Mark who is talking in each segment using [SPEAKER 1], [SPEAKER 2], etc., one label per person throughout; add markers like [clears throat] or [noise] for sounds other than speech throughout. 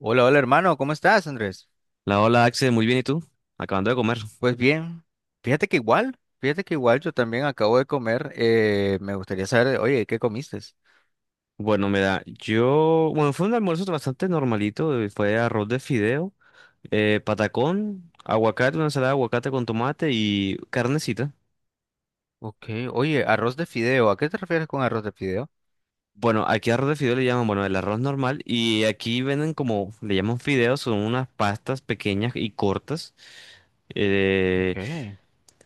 [SPEAKER 1] Hola, hola hermano, ¿cómo estás, Andrés?
[SPEAKER 2] La hola Axel, muy bien, ¿y tú? Acabando de comer.
[SPEAKER 1] Pues bien, fíjate que igual yo también acabo de comer, me gustaría saber, oye, ¿qué comiste?
[SPEAKER 2] Bueno, fue un almuerzo bastante normalito, fue arroz de fideo, patacón, aguacate, una ensalada de aguacate con tomate y carnecita.
[SPEAKER 1] Ok, oye, arroz de fideo, ¿a qué te refieres con arroz de fideo?
[SPEAKER 2] Bueno, aquí arroz de fideo le llaman, bueno, el arroz normal y aquí venden como, le llaman fideos, son unas pastas pequeñas y cortas. eh,
[SPEAKER 1] Okay.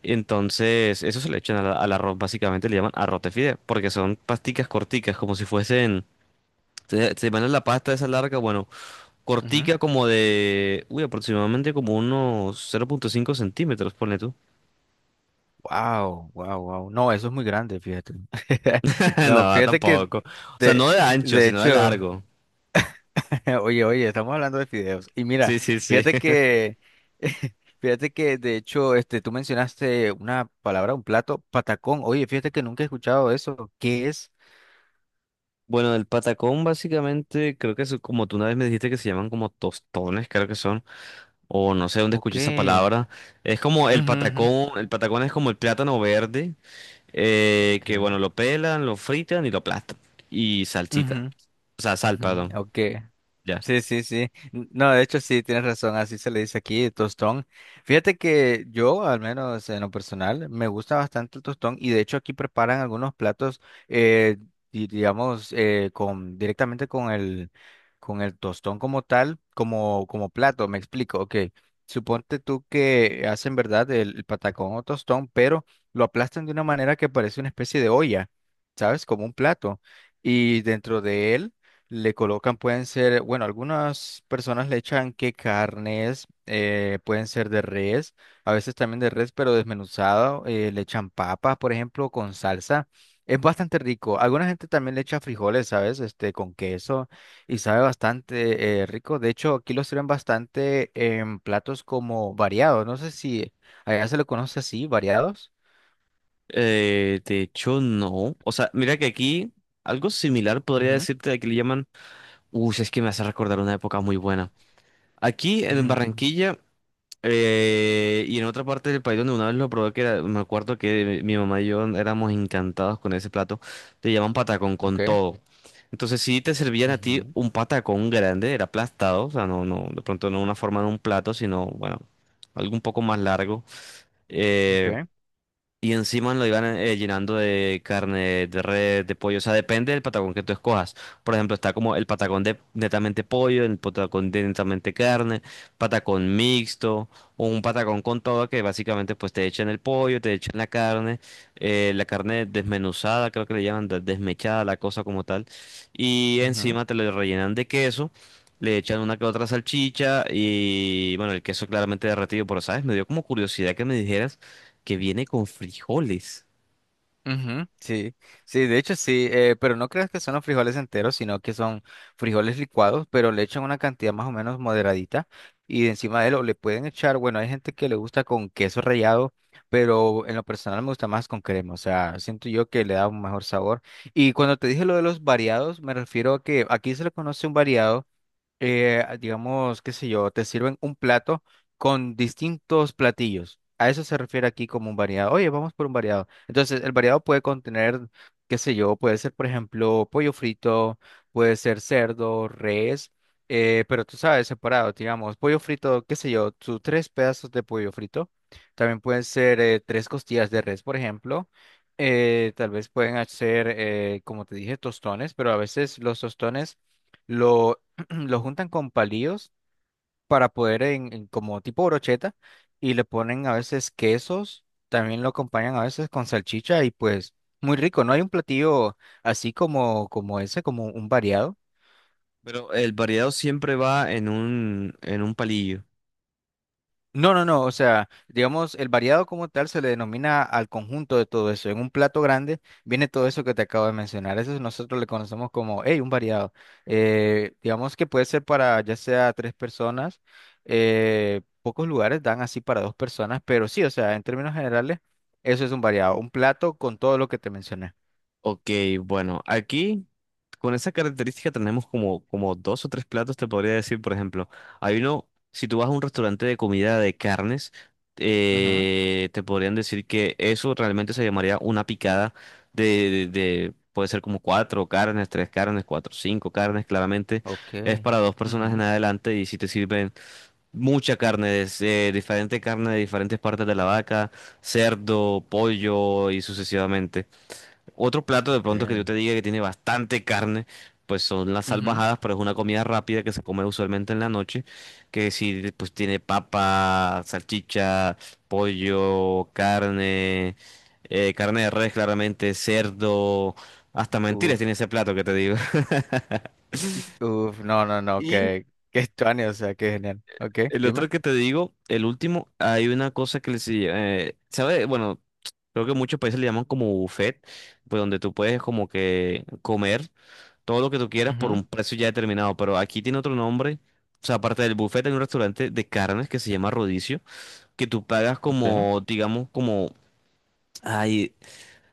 [SPEAKER 2] entonces, eso se le echan al arroz, básicamente le llaman arroz de fideo, porque son pasticas corticas, como si fuesen, se van en la pasta esa larga, bueno.
[SPEAKER 1] Ujú.
[SPEAKER 2] Cortica como de, uy, aproximadamente como unos 0.5 centímetros, ponle tú.
[SPEAKER 1] Wow, wow, wow. No, eso es muy grande, fíjate. [laughs]
[SPEAKER 2] [laughs]
[SPEAKER 1] No,
[SPEAKER 2] No,
[SPEAKER 1] fíjate que
[SPEAKER 2] tampoco. O sea,
[SPEAKER 1] de,
[SPEAKER 2] no de ancho,
[SPEAKER 1] de
[SPEAKER 2] sino de
[SPEAKER 1] hecho.
[SPEAKER 2] largo.
[SPEAKER 1] [laughs] Oye, oye, estamos hablando de fideos. Y mira,
[SPEAKER 2] Sí, sí, sí.
[SPEAKER 1] fíjate
[SPEAKER 2] [laughs]
[SPEAKER 1] que, [laughs] fíjate que de hecho, este, tú mencionaste una palabra, un plato, patacón. Oye, fíjate que nunca he escuchado eso. ¿Qué es?
[SPEAKER 2] Bueno, el patacón básicamente, creo que es como tú una vez me dijiste que se llaman como tostones, creo que son, o no sé dónde
[SPEAKER 1] ¿O
[SPEAKER 2] escuché esa
[SPEAKER 1] qué?
[SPEAKER 2] palabra. Es como
[SPEAKER 1] Ujú, ujú.
[SPEAKER 2] el patacón es como el plátano verde,
[SPEAKER 1] Ok.
[SPEAKER 2] que bueno, lo pelan, lo fritan y lo aplastan. Y salsita,
[SPEAKER 1] Ujú,
[SPEAKER 2] o sea, sal,
[SPEAKER 1] ujú,
[SPEAKER 2] perdón.
[SPEAKER 1] ok.
[SPEAKER 2] Ya.
[SPEAKER 1] Sí, sí, sí. No, de hecho sí, tienes razón, así se le dice aquí, tostón. Fíjate que yo, al menos en lo personal, me gusta bastante el tostón y de hecho aquí preparan algunos platos, eh, digamos, con, directamente con el tostón como tal, como, como plato, me explico, ok. Suponte tú que hacen, ¿verdad?, el patacón o tostón, pero lo aplastan de una manera que parece una especie de olla, ¿sabes? Como un plato. Y dentro de él le colocan, pueden ser, bueno, algunas personas le echan que carnes, pueden ser de res, a veces también de res, pero desmenuzado, le echan papas, por ejemplo, con salsa. Es bastante rico. Alguna gente también le echa frijoles, ¿sabes? Este, con queso y sabe bastante rico. De hecho, aquí lo sirven bastante en platos como variados. No sé si allá se lo conoce así, variados.
[SPEAKER 2] De hecho, no. O sea, mira que aquí algo similar podría
[SPEAKER 1] Ujú,
[SPEAKER 2] decirte de que le llaman. Uy, es que me hace recordar una época muy buena. Aquí en
[SPEAKER 1] ujú, ujú.
[SPEAKER 2] Barranquilla, y en otra parte del país donde una vez lo probé, me acuerdo que mi mamá y yo éramos encantados con ese plato. Te llaman patacón con
[SPEAKER 1] Ok,
[SPEAKER 2] todo. Entonces, si te servían a ti
[SPEAKER 1] ujú,
[SPEAKER 2] un patacón grande, era aplastado, o sea, no, no, de pronto no una forma de un plato, sino, bueno, algo un poco más largo.
[SPEAKER 1] ok,
[SPEAKER 2] Eh, y encima lo iban llenando de carne de res, de pollo. O sea, depende del patacón que tú escojas. Por ejemplo, está como el patacón de netamente pollo, el patacón de netamente carne, patacón mixto, o un patacón con todo que básicamente pues te echan el pollo, te echan la carne desmenuzada, creo que le llaman desmechada, la cosa como tal. Y
[SPEAKER 1] ujú.
[SPEAKER 2] encima te lo rellenan de queso, le echan una que otra salchicha y bueno, el queso claramente derretido, pero sabes, me dio como curiosidad que me dijeras que viene con frijoles.
[SPEAKER 1] Ujú, sí, sí, de hecho sí, pero no creas que son los frijoles enteros, sino que son frijoles licuados, pero le echan una cantidad más o menos moderadita y encima de lo le pueden echar, bueno, hay gente que le gusta con queso rallado, pero en lo personal me gusta más con crema, o sea, siento yo que le da un mejor sabor. Y cuando te dije lo de los variados, me refiero a que aquí se le conoce un variado digamos, qué sé yo, te sirven un plato con distintos platillos. A eso se refiere aquí como un variado. Oye, vamos por un variado. Entonces, el variado puede contener, qué sé yo, puede ser, por ejemplo, pollo frito, puede ser cerdo, res, pero tú sabes, separado, digamos, pollo frito, qué sé yo, tus tres pedazos de pollo frito. También pueden ser tres costillas de res, por ejemplo. Tal vez pueden hacer, como te dije, tostones, pero a veces los tostones [clears throat] lo juntan con palillos para poder en como tipo brocheta y le ponen a veces quesos, también lo acompañan a veces con salchicha y pues muy rico, no hay un platillo así como como ese, como un variado.
[SPEAKER 2] Pero el variado siempre va en un palillo.
[SPEAKER 1] No, no, no, o sea, digamos, el variado como tal se le denomina al conjunto de todo eso. En un plato grande viene todo eso que te acabo de mencionar. Eso nosotros le conocemos como, hey, un variado. Digamos que puede ser para ya sea tres personas. Pocos lugares dan así para dos personas, pero sí, o sea, en términos generales, eso es un variado. Un plato con todo lo que te mencioné.
[SPEAKER 2] Ok, bueno, aquí con esa característica tenemos como, como dos o tres platos, te podría decir, por ejemplo, hay uno, si tú vas a un restaurante de comida de carnes,
[SPEAKER 1] Ujú,
[SPEAKER 2] te podrían decir que eso realmente se llamaría una picada puede ser como cuatro carnes, tres carnes, cuatro, cinco carnes, claramente
[SPEAKER 1] ok.
[SPEAKER 2] es para dos personas en
[SPEAKER 1] Ujú,
[SPEAKER 2] adelante y si te sirven mucha carne, diferente carne de diferentes partes de la vaca, cerdo, pollo y sucesivamente. Otro plato de
[SPEAKER 1] ok,
[SPEAKER 2] pronto que yo te diga que tiene bastante carne, pues son las
[SPEAKER 1] ujú.
[SPEAKER 2] salvajadas, pero es una comida rápida que se come usualmente en la noche, que si pues tiene papa, salchicha, pollo, carne, carne de res claramente, cerdo, hasta mentiras tiene
[SPEAKER 1] Uf,
[SPEAKER 2] ese plato que te digo.
[SPEAKER 1] uf, no, no, no,
[SPEAKER 2] [laughs]
[SPEAKER 1] que estuani, o sea, qué genial. Ok,
[SPEAKER 2] El
[SPEAKER 1] dime.
[SPEAKER 2] otro que te digo, el último, hay una cosa que les... ¿sabe? Bueno, creo que muchos países le llaman como buffet, pues donde tú puedes como que comer todo lo que tú quieras por un precio ya determinado, pero aquí tiene otro nombre. O sea, aparte del buffet, hay un restaurante de carnes que se llama Rodicio, que tú pagas
[SPEAKER 1] Okay.
[SPEAKER 2] como, digamos, como... Ay,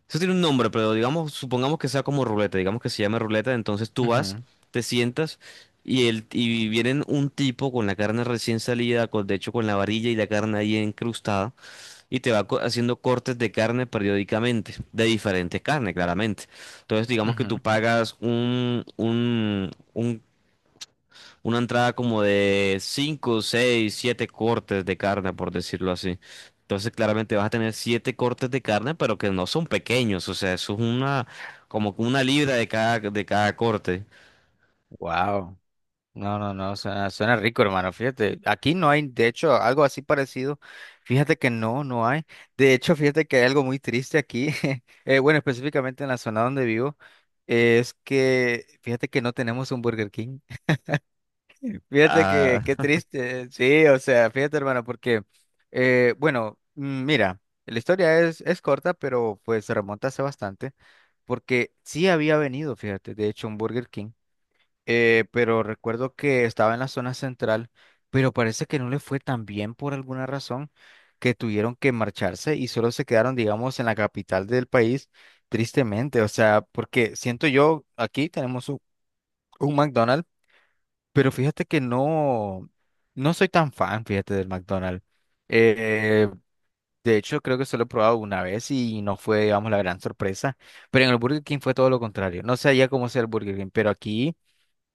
[SPEAKER 2] eso tiene un nombre, pero digamos, supongamos que sea como ruleta, digamos que se llame ruleta, entonces tú vas,
[SPEAKER 1] Ujú,
[SPEAKER 2] te sientas y el y vienen un tipo con la carne recién salida, con, de hecho con la varilla y la carne ahí encrustada y te va haciendo cortes de carne periódicamente, de diferentes carnes, claramente. Entonces, digamos que tú
[SPEAKER 1] ujú.
[SPEAKER 2] pagas un una entrada como de 5 6 7 cortes de carne, por decirlo así. Entonces, claramente vas a tener 7 cortes de carne, pero que no son pequeños. O sea, eso es una, como que una libra de cada corte.
[SPEAKER 1] Wow. No, no, no, suena, suena rico, hermano. Fíjate, aquí no hay, de hecho, algo así parecido. Fíjate que no, no hay. De hecho, fíjate que hay algo muy triste aquí. [laughs] Bueno, específicamente en la zona donde vivo, es que, fíjate que no tenemos un Burger King. [laughs] Fíjate que,
[SPEAKER 2] Ah,
[SPEAKER 1] qué
[SPEAKER 2] [laughs]
[SPEAKER 1] triste. Sí, o sea, fíjate, hermano, porque, bueno, mira, la historia es corta, pero pues se remonta hace bastante, porque sí había venido, fíjate, de hecho, un Burger King. Pero recuerdo que estaba en la zona central, pero parece que no le fue tan bien por alguna razón que tuvieron que marcharse y solo se quedaron, digamos, en la capital del país, tristemente. O sea, porque siento yo, aquí tenemos un McDonald's, pero fíjate que no, no soy tan fan, fíjate, del McDonald's. Eh, de hecho, creo que solo he probado una vez y no fue, digamos, la gran sorpresa, pero en el Burger King fue todo lo contrario. No sé allá cómo sea el Burger King, pero aquí...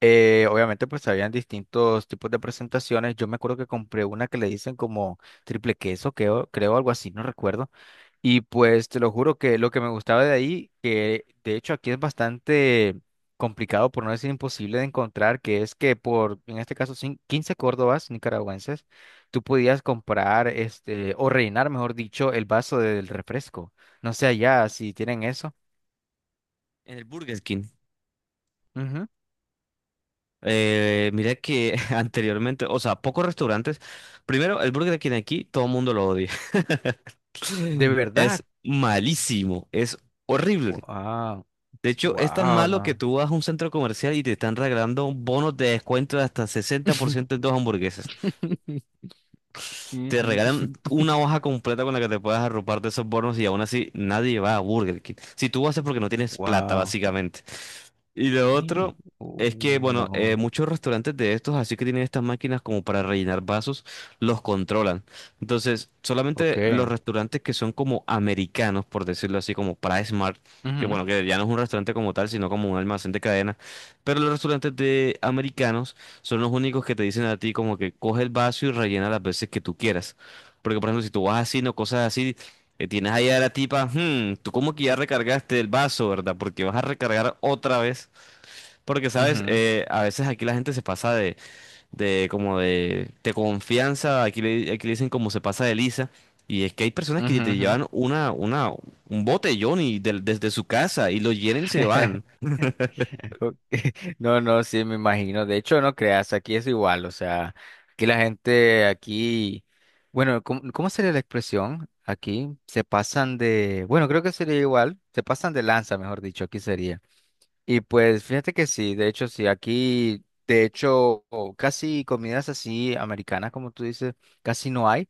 [SPEAKER 1] Obviamente, pues habían distintos tipos de presentaciones. Yo me acuerdo que compré una que le dicen como triple queso, creo, creo algo así, no recuerdo. Y pues te lo juro que lo que me gustaba de ahí, que de hecho aquí es bastante complicado, por no decir imposible de encontrar, que es que por, en este caso, 15 córdobas nicaragüenses, tú podías comprar, este, o rellenar, mejor dicho, el vaso del refresco. No sé allá si tienen eso.
[SPEAKER 2] en el Burger King.
[SPEAKER 1] Ujú.
[SPEAKER 2] Mira que [laughs] anteriormente, o sea, pocos restaurantes. Primero, el Burger King aquí, todo el mundo lo odia.
[SPEAKER 1] De
[SPEAKER 2] [laughs]
[SPEAKER 1] verdad.
[SPEAKER 2] Es malísimo, es horrible.
[SPEAKER 1] Wow,
[SPEAKER 2] De hecho, es tan
[SPEAKER 1] wow,
[SPEAKER 2] malo que
[SPEAKER 1] no.
[SPEAKER 2] tú vas a un centro comercial y te están regalando bonos de descuento de hasta 60%
[SPEAKER 1] [laughs]
[SPEAKER 2] en dos hamburguesas.
[SPEAKER 1] [laughs]
[SPEAKER 2] Te regalan una hoja completa con la que te puedas arropar de esos bonos y aún así nadie va a Burger King. Si tú vas es porque no tienes plata,
[SPEAKER 1] Wow.
[SPEAKER 2] básicamente. Y lo
[SPEAKER 1] Hey.
[SPEAKER 2] otro
[SPEAKER 1] Oh,
[SPEAKER 2] es que, bueno,
[SPEAKER 1] no.
[SPEAKER 2] muchos restaurantes de estos, así que tienen estas máquinas como para rellenar vasos, los controlan. Entonces, solamente los
[SPEAKER 1] Okay.
[SPEAKER 2] restaurantes que son como americanos, por decirlo así, como para Smart, que
[SPEAKER 1] Ujú,
[SPEAKER 2] bueno, que ya no es un restaurante como tal, sino como un almacén de cadena, pero los restaurantes de americanos son los únicos que te dicen a ti como que coge el vaso y rellena las veces que tú quieras. Porque, por ejemplo, si tú vas así, no cosas así, tienes ahí a la tipa, "Hmm, tú como que ya recargaste el vaso, ¿verdad? Porque vas a recargar otra vez. Porque, ¿sabes?
[SPEAKER 1] ujú,
[SPEAKER 2] A veces aquí la gente se pasa de, de confianza, aquí le dicen como se pasa de lisa, y es que hay personas que
[SPEAKER 1] ujú,
[SPEAKER 2] te
[SPEAKER 1] ujú.
[SPEAKER 2] llevan un botellón y desde su casa y lo llenan y se van.
[SPEAKER 1] [laughs] Ok. [laughs] No, no, sí, me imagino. De hecho, no creas, aquí es igual. O sea, aquí la gente, aquí, bueno, ¿cómo, cómo sería la expresión? Aquí se pasan de, bueno, creo que sería igual, se pasan de lanza, mejor dicho, aquí sería. Y pues fíjate que sí, de hecho sí, aquí de hecho o casi comidas así americanas como tú dices, casi no hay,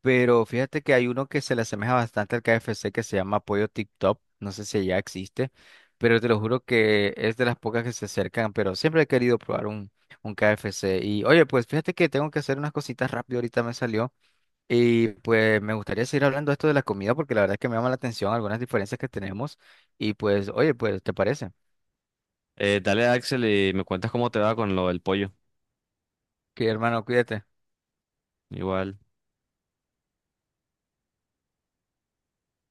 [SPEAKER 1] pero fíjate que hay uno que se le asemeja bastante al KFC que se llama Pollo tip top no sé si ya existe, pero te lo juro que es de las pocas que se acercan, pero siempre he querido probar un KFC. Y oye, pues fíjate que tengo que hacer unas cositas rápido, ahorita me salió, y pues me gustaría seguir hablando de esto de la comida porque la verdad es que me llama la atención algunas diferencias que tenemos, y pues oye, pues ¿te parece?
[SPEAKER 2] Dale Axel y me cuentas cómo te va con lo del pollo.
[SPEAKER 1] Que hermano, cuídate.
[SPEAKER 2] Igual.